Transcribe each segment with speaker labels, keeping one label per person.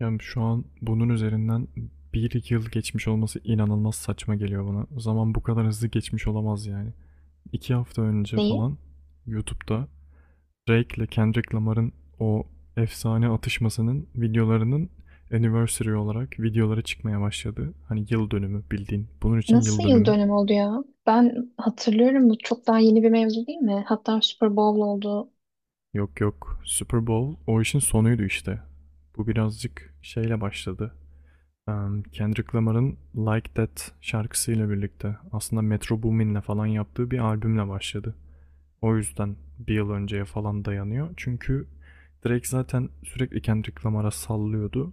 Speaker 1: Yani şu an bunun üzerinden bir iki yıl geçmiş olması inanılmaz saçma geliyor bana. Zaman bu kadar hızlı geçmiş olamaz yani. 2 hafta önce
Speaker 2: Neyi?
Speaker 1: falan YouTube'da Drake ile Kendrick Lamar'ın o efsane atışmasının videolarının anniversary olarak videoları çıkmaya başladı. Hani yıl dönümü bildiğin. Bunun için
Speaker 2: Nasıl
Speaker 1: yıl
Speaker 2: yıl
Speaker 1: dönümü.
Speaker 2: dönümü oldu ya? Ben hatırlıyorum, bu çok daha yeni bir mevzu değil mi? Hatta Super Bowl oldu.
Speaker 1: Yok yok, Super Bowl o işin sonuydu işte. Bu birazcık şeyle başladı. Kendrick Lamar'ın Like That şarkısıyla birlikte aslında Metro Boomin'le falan yaptığı bir albümle başladı. O yüzden bir yıl önceye falan dayanıyor. Çünkü Drake zaten sürekli Kendrick Lamar'a sallıyordu.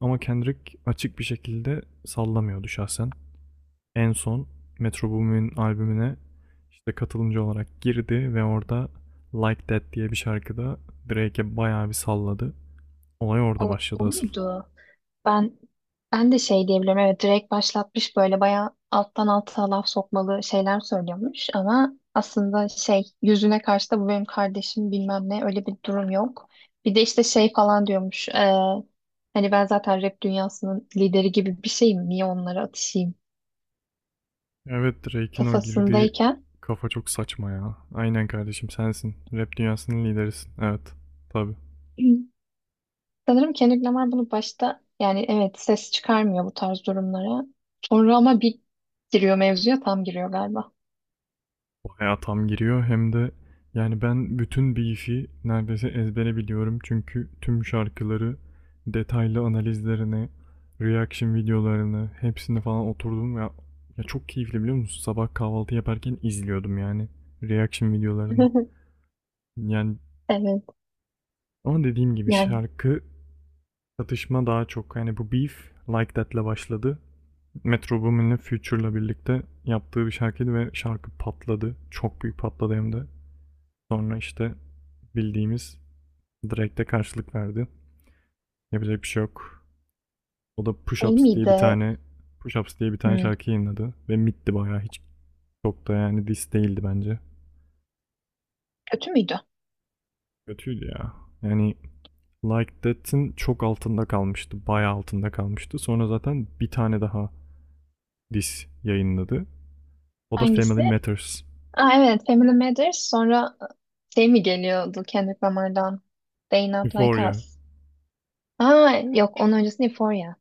Speaker 1: Ama Kendrick açık bir şekilde sallamıyordu şahsen. En son Metro Boomin'in albümüne işte katılımcı olarak girdi ve orada Like That diye bir şarkıda Drake'e bayağı bir salladı. Olay orada
Speaker 2: O,
Speaker 1: başladı
Speaker 2: o
Speaker 1: asıl.
Speaker 2: muydu? Ben ben de şey diyebilirim. Evet, direkt başlatmış, böyle bayağı alttan alta laf sokmalı şeyler söylüyormuş ama aslında şey, yüzüne karşı da bu benim kardeşim bilmem ne, öyle bir durum yok. Bir de işte şey falan diyormuş. Hani ben zaten rap dünyasının lideri gibi bir şeyim. Niye onlara atışayım?
Speaker 1: Evet, Drake'in o girdiği
Speaker 2: Kafasındayken.
Speaker 1: kafa çok saçma ya. Aynen, kardeşim sensin. Rap dünyasının liderisin. Evet. Tabii.
Speaker 2: Sanırım Kendrick Lamar bunu başta, yani evet, ses çıkarmıyor bu tarz durumlara. Sonra ama bir giriyor mevzuya, tam giriyor galiba.
Speaker 1: Bayağı tam giriyor hem de, yani ben bütün Beef'i neredeyse ezbere biliyorum. Çünkü tüm şarkıları, detaylı analizlerini, reaction videolarını hepsini falan oturdum ya. Ya çok keyifli, biliyor musun? Sabah kahvaltı yaparken izliyordum yani reaction videolarını. Yani
Speaker 2: Evet,
Speaker 1: ama dediğim gibi
Speaker 2: yani
Speaker 1: şarkı, çatışma daha çok. Yani bu beef Like That'le başladı. Metro Boomin'le Future'la birlikte yaptığı bir şarkıydı ve şarkı patladı. Çok büyük patladı hem de. Sonra işte bildiğimiz Drake'de karşılık verdi. Yapacak bir şey yok. O da
Speaker 2: şey miydi?
Speaker 1: Push Ups diye bir tane
Speaker 2: Hmm,
Speaker 1: şarkı yayınladı. Ve mitti bayağı. Hiç çok da yani diss değildi bence.
Speaker 2: kötü müydü?
Speaker 1: Kötüydü ya. Yani Like That'in çok altında kalmıştı. Bayağı altında kalmıştı. Sonra zaten bir tane daha diss yayınladı. O da Family
Speaker 2: Hangisi?
Speaker 1: Matters.
Speaker 2: Aa evet, Family Matters, sonra şey mi geliyordu Kendrick Lamar'dan? They Not Like
Speaker 1: Euphoria.
Speaker 2: Us. Aa yok, onun öncesi Euphoria.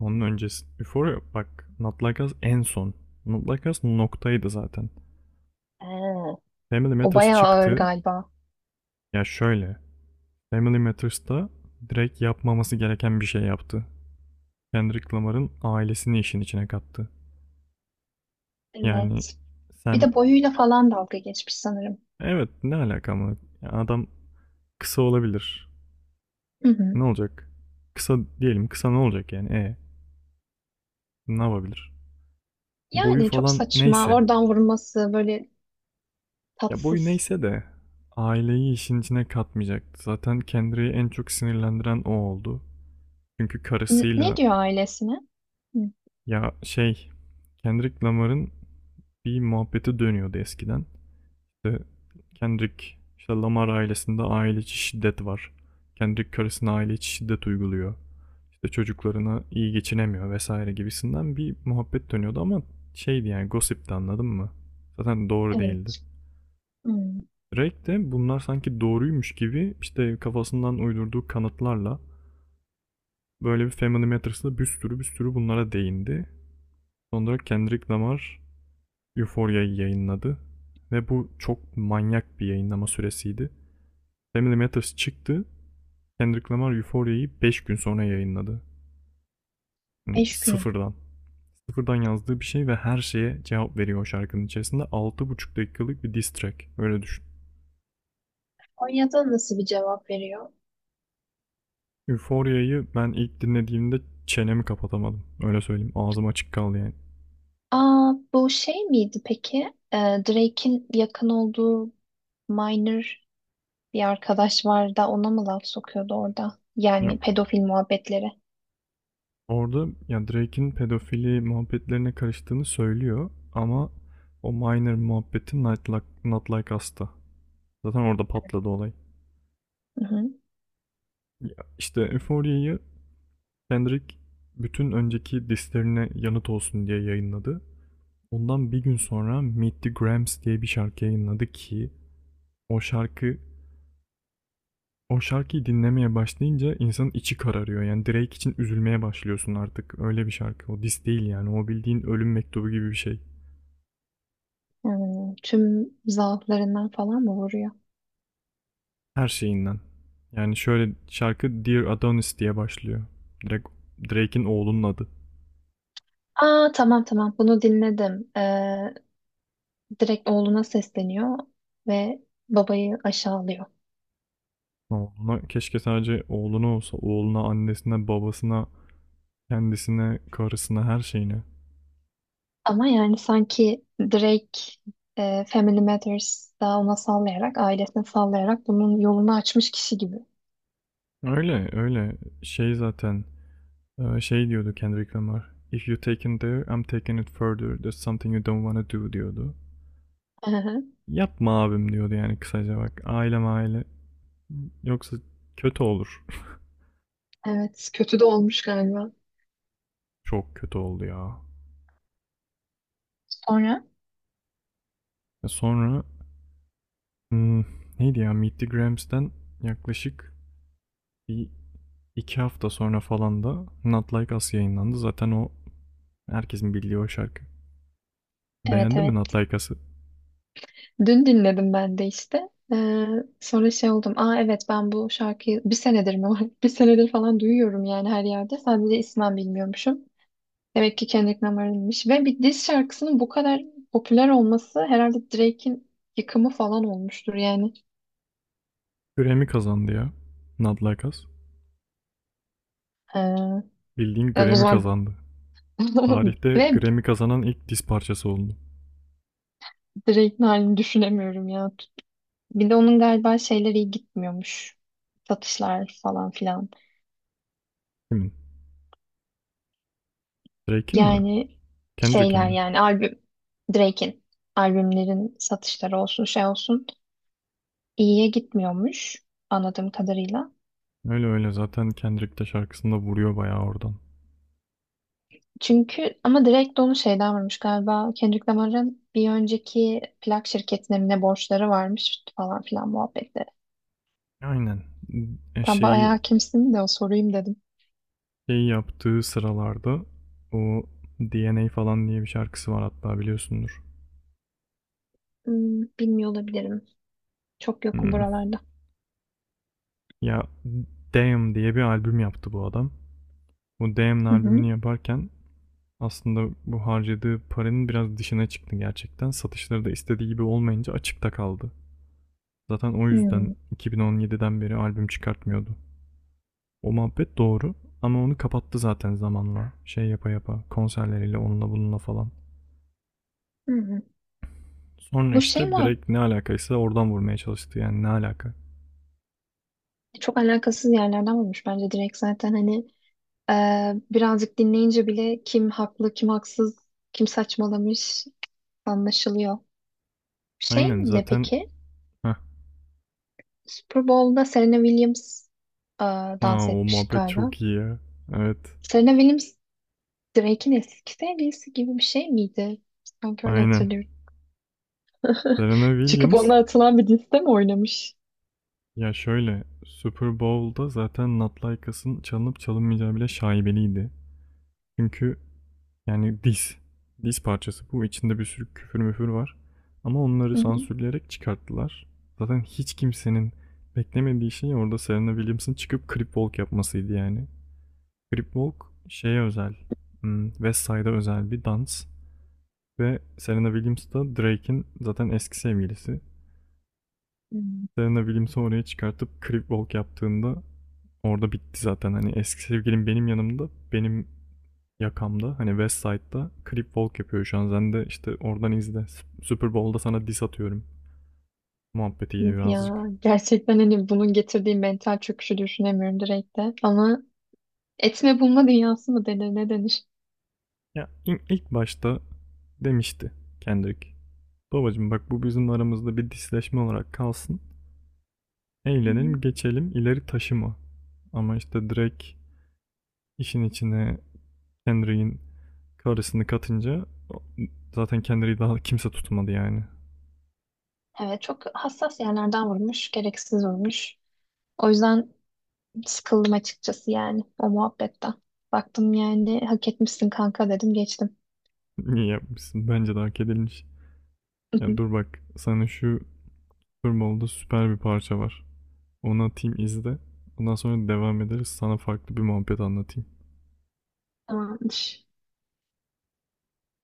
Speaker 1: Onun öncesi. Euphoria, bak, Not Like Us en son. Not Like Us noktaydı zaten.
Speaker 2: Aa.
Speaker 1: Family
Speaker 2: O
Speaker 1: Matters
Speaker 2: bayağı ağır
Speaker 1: çıktı.
Speaker 2: galiba.
Speaker 1: Ya şöyle. Family Matters'ta direkt yapmaması gereken bir şey yaptı. Kendrick Lamar'ın ailesini işin içine kattı. Yani
Speaker 2: Evet. Bir
Speaker 1: sen,
Speaker 2: de boyuyla falan dalga geçmiş sanırım.
Speaker 1: evet, ne alaka ama. Ya adam kısa olabilir.
Speaker 2: Hı hı.
Speaker 1: Ne olacak? Kısa diyelim, kısa ne olacak yani, ne yapabilir? Boyu
Speaker 2: Yani çok
Speaker 1: falan
Speaker 2: saçma.
Speaker 1: neyse.
Speaker 2: Oradan vurması böyle
Speaker 1: Ya boyu
Speaker 2: tatsız.
Speaker 1: neyse de aileyi işin içine katmayacaktı. Zaten Kendrick'i en çok sinirlendiren o oldu. Çünkü
Speaker 2: N- ne
Speaker 1: karısıyla,
Speaker 2: diyor ailesine? Hı.
Speaker 1: ya şey, Kendrick Lamar'ın bir muhabbeti dönüyordu eskiden. İşte Kendrick, işte Lamar ailesinde aile içi şiddet var. Kendrick karısına aile içi şiddet uyguluyor. İşte çocuklarına iyi geçinemiyor vesaire gibisinden bir muhabbet dönüyordu ama şeydi yani, gossipti, anladın mı? Zaten doğru değildi.
Speaker 2: Evet. Hmm.
Speaker 1: Drake de bunlar sanki doğruymuş gibi işte kafasından uydurduğu kanıtlarla böyle bir Family Matters'da bir sürü bunlara değindi. Sonra Kendrick Lamar Euphoria'yı yayınladı ve bu çok manyak bir yayınlama süresiydi. Family Matters çıktı. Kendrick Lamar Euphoria'yı 5 gün sonra yayınladı. Yani
Speaker 2: Beş gün.
Speaker 1: sıfırdan. Sıfırdan yazdığı bir şey ve her şeye cevap veriyor o şarkının içerisinde. 6,5 dakikalık bir diss track. Öyle düşün.
Speaker 2: Konya'da nasıl bir cevap veriyor?
Speaker 1: Euphoria'yı ben ilk dinlediğimde çenemi kapatamadım. Öyle söyleyeyim. Ağzım açık kaldı yani.
Speaker 2: Aa, bu şey miydi peki? Drake'in yakın olduğu minor bir arkadaş var da ona mı laf sokuyordu orada? Yani
Speaker 1: Yok.
Speaker 2: pedofil muhabbetleri.
Speaker 1: Orada ya Drake'in pedofili muhabbetlerine karıştığını söylüyor ama o minor muhabbeti Not Like Us'ta. Zaten orada patladı olay.
Speaker 2: Hı hı.
Speaker 1: Ya işte Euphoria'yı Kendrick bütün önceki dislerine yanıt olsun diye yayınladı. Ondan 1 gün sonra Meet the Grams diye bir şarkı yayınladı ki o şarkı, o şarkıyı dinlemeye başlayınca insanın içi kararıyor. Yani Drake için üzülmeye başlıyorsun artık. Öyle bir şarkı. O diss değil yani. O bildiğin ölüm mektubu gibi bir şey.
Speaker 2: Hmm, tüm zaaflarından falan mı vuruyor?
Speaker 1: Her şeyinden. Yani şöyle, şarkı Dear Adonis diye başlıyor. Direkt Drake'in oğlunun adı.
Speaker 2: Aa tamam tamam, bunu dinledim. Direkt oğluna sesleniyor ve babayı aşağılıyor.
Speaker 1: Oğluna, keşke sadece oğluna olsa. Oğluna, annesine, babasına, kendisine, karısına, her şeyine.
Speaker 2: Ama yani sanki Drake, Family Matters daha ona sallayarak, ailesine sallayarak bunun yolunu açmış kişi gibi.
Speaker 1: Öyle öyle. Şey zaten, şey diyordu Kendrick Lamar. If you taken there, I'm taking it further. There's something you don't wanna do, diyordu.
Speaker 2: Hı hı.
Speaker 1: Yapma abim, diyordu yani kısaca bak. Ailem aile. Yoksa kötü olur.
Speaker 2: Evet, kötü de olmuş galiba.
Speaker 1: Çok kötü oldu ya.
Speaker 2: Sonra
Speaker 1: E sonra, hmm, neydi ya, Meet the Grams'den yaklaşık bir iki hafta sonra falan da Not Like Us yayınlandı. Zaten o herkesin bildiği o şarkı.
Speaker 2: evet
Speaker 1: Beğendin mi Not
Speaker 2: evet,
Speaker 1: Like Us'ı?
Speaker 2: dün dinledim ben de işte. Sonra şey oldum. Aa evet, ben bu şarkıyı bir senedir mi var? Bir senedir falan duyuyorum yani her yerde. Sadece ismen bilmiyormuşum. Demek ki Kendrick Lamar'ınmış. Ve bir diss şarkısının bu kadar popüler olması herhalde Drake'in yıkımı falan olmuştur yani.
Speaker 1: Grammy kazandı ya. Not Like Us.
Speaker 2: Ee,
Speaker 1: Bildiğin
Speaker 2: ya o
Speaker 1: Grammy
Speaker 2: zaman
Speaker 1: kazandı. Tarihte
Speaker 2: ve
Speaker 1: Grammy kazanan ilk diz parçası oldu.
Speaker 2: Drake'in halini düşünemiyorum ya. Bir de onun galiba şeyleri iyi gitmiyormuş. Satışlar falan filan.
Speaker 1: Kimin? Drake'in mi?
Speaker 2: Yani
Speaker 1: Kendrick'in
Speaker 2: şeyler,
Speaker 1: mi?
Speaker 2: yani albüm, Drake'in albümlerin satışları olsun, şey olsun, iyiye gitmiyormuş anladığım kadarıyla.
Speaker 1: Öyle öyle, zaten Kendrick de şarkısında vuruyor bayağı oradan.
Speaker 2: Çünkü ama Drake de onu şeyden varmış galiba, Kendrick Lamar'ın bir önceki plak şirketine mi ne borçları varmış falan filan muhabbetleri.
Speaker 1: Aynen.
Speaker 2: Tam
Speaker 1: Şeyi
Speaker 2: bayağı kimsin de o sorayım dedim.
Speaker 1: şey yaptığı sıralarda o DNA falan diye bir şarkısı var, hatta biliyorsundur.
Speaker 2: Hmm, bilmiyor olabilirim. Çok yokum
Speaker 1: Hmm.
Speaker 2: buralarda.
Speaker 1: Ya Damn diye bir albüm yaptı bu adam. Bu Damn
Speaker 2: Hı hı.
Speaker 1: albümünü yaparken aslında bu harcadığı paranın biraz dışına çıktı gerçekten. Satışları da istediği gibi olmayınca açıkta kaldı. Zaten o yüzden
Speaker 2: Hmm,
Speaker 1: 2017'den beri albüm çıkartmıyordu. O muhabbet doğru ama onu kapattı zaten zamanla. Şey yapa yapa, konserleriyle, onunla bununla falan.
Speaker 2: hı hı.
Speaker 1: Sonra
Speaker 2: Bu şey
Speaker 1: işte
Speaker 2: mi?
Speaker 1: direkt ne alakaysa oradan vurmaya çalıştı yani, ne alaka.
Speaker 2: Çok alakasız yerlerden olmuş bence Drake zaten hani. Birazcık dinleyince bile kim haklı, kim haksız, kim saçmalamış anlaşılıyor. Şey
Speaker 1: Aynen
Speaker 2: ne
Speaker 1: zaten.
Speaker 2: peki?
Speaker 1: Heh.
Speaker 2: Super Bowl'da Serena Williams e, dans
Speaker 1: Aa, o
Speaker 2: etmiş
Speaker 1: muhabbet
Speaker 2: galiba.
Speaker 1: çok iyi ya. Evet,
Speaker 2: Serena Williams Drake'in eski sevgilisi gibi bir şey miydi? Sanki öyle
Speaker 1: aynen.
Speaker 2: hatırlıyorum.
Speaker 1: Serena
Speaker 2: Çıkıp
Speaker 1: Williams,
Speaker 2: ona atılan bir diste mi oynamış?
Speaker 1: ya şöyle, Super Bowl'da zaten Not Like Us'ın çalınıp çalınmayacağı bile şaibeliydi. Çünkü yani diz. Diz parçası bu. İçinde bir sürü küfür müfür var. Ama onları
Speaker 2: Hı hı.
Speaker 1: sansürleyerek çıkarttılar. Zaten hiç kimsenin beklemediği şey orada Serena Williams'ın çıkıp Cripwalk yapmasıydı yani. Cripwalk şeye özel. West Side'a özel bir dans. Ve Serena Williams da Drake'in zaten eski sevgilisi.
Speaker 2: Hmm.
Speaker 1: Serena Williams'ı oraya çıkartıp Cripwalk yaptığında orada bitti zaten. Hani eski sevgilim benim yanımda, benim Yakam'da, hani West Side'da Crip Walk yapıyor şu an. Sen de işte oradan izle. Super Bowl'da sana diss atıyorum muhabbetiyle
Speaker 2: Yok ya.
Speaker 1: birazcık.
Speaker 2: Gerçekten hani bunun getirdiği mental çöküşü düşünemiyorum Drake'de. Ama etme bulma dünyası mı denir, ne denir?
Speaker 1: Ya ilk başta demişti Kendrick. Babacım bak, bu bizim aramızda bir disleşme olarak kalsın. Eğlenelim geçelim, ileri taşıma. Ama işte Drake işin içine Kendrick'in karısını katınca zaten Kendrick'i daha kimse tutmadı yani.
Speaker 2: Evet, çok hassas yerlerden vurmuş, gereksiz vurmuş. O yüzden sıkıldım açıkçası yani o muhabbetten. Baktım yani hak etmişsin kanka dedim, geçtim.
Speaker 1: Niye yapmışsın? Bence de hak edilmiş. Ya dur, bak sana şu Super Bowl'da süper bir parça var. Onu atayım, izle. Ondan sonra devam ederiz. Sana farklı bir muhabbet anlatayım.
Speaker 2: Tamamdır.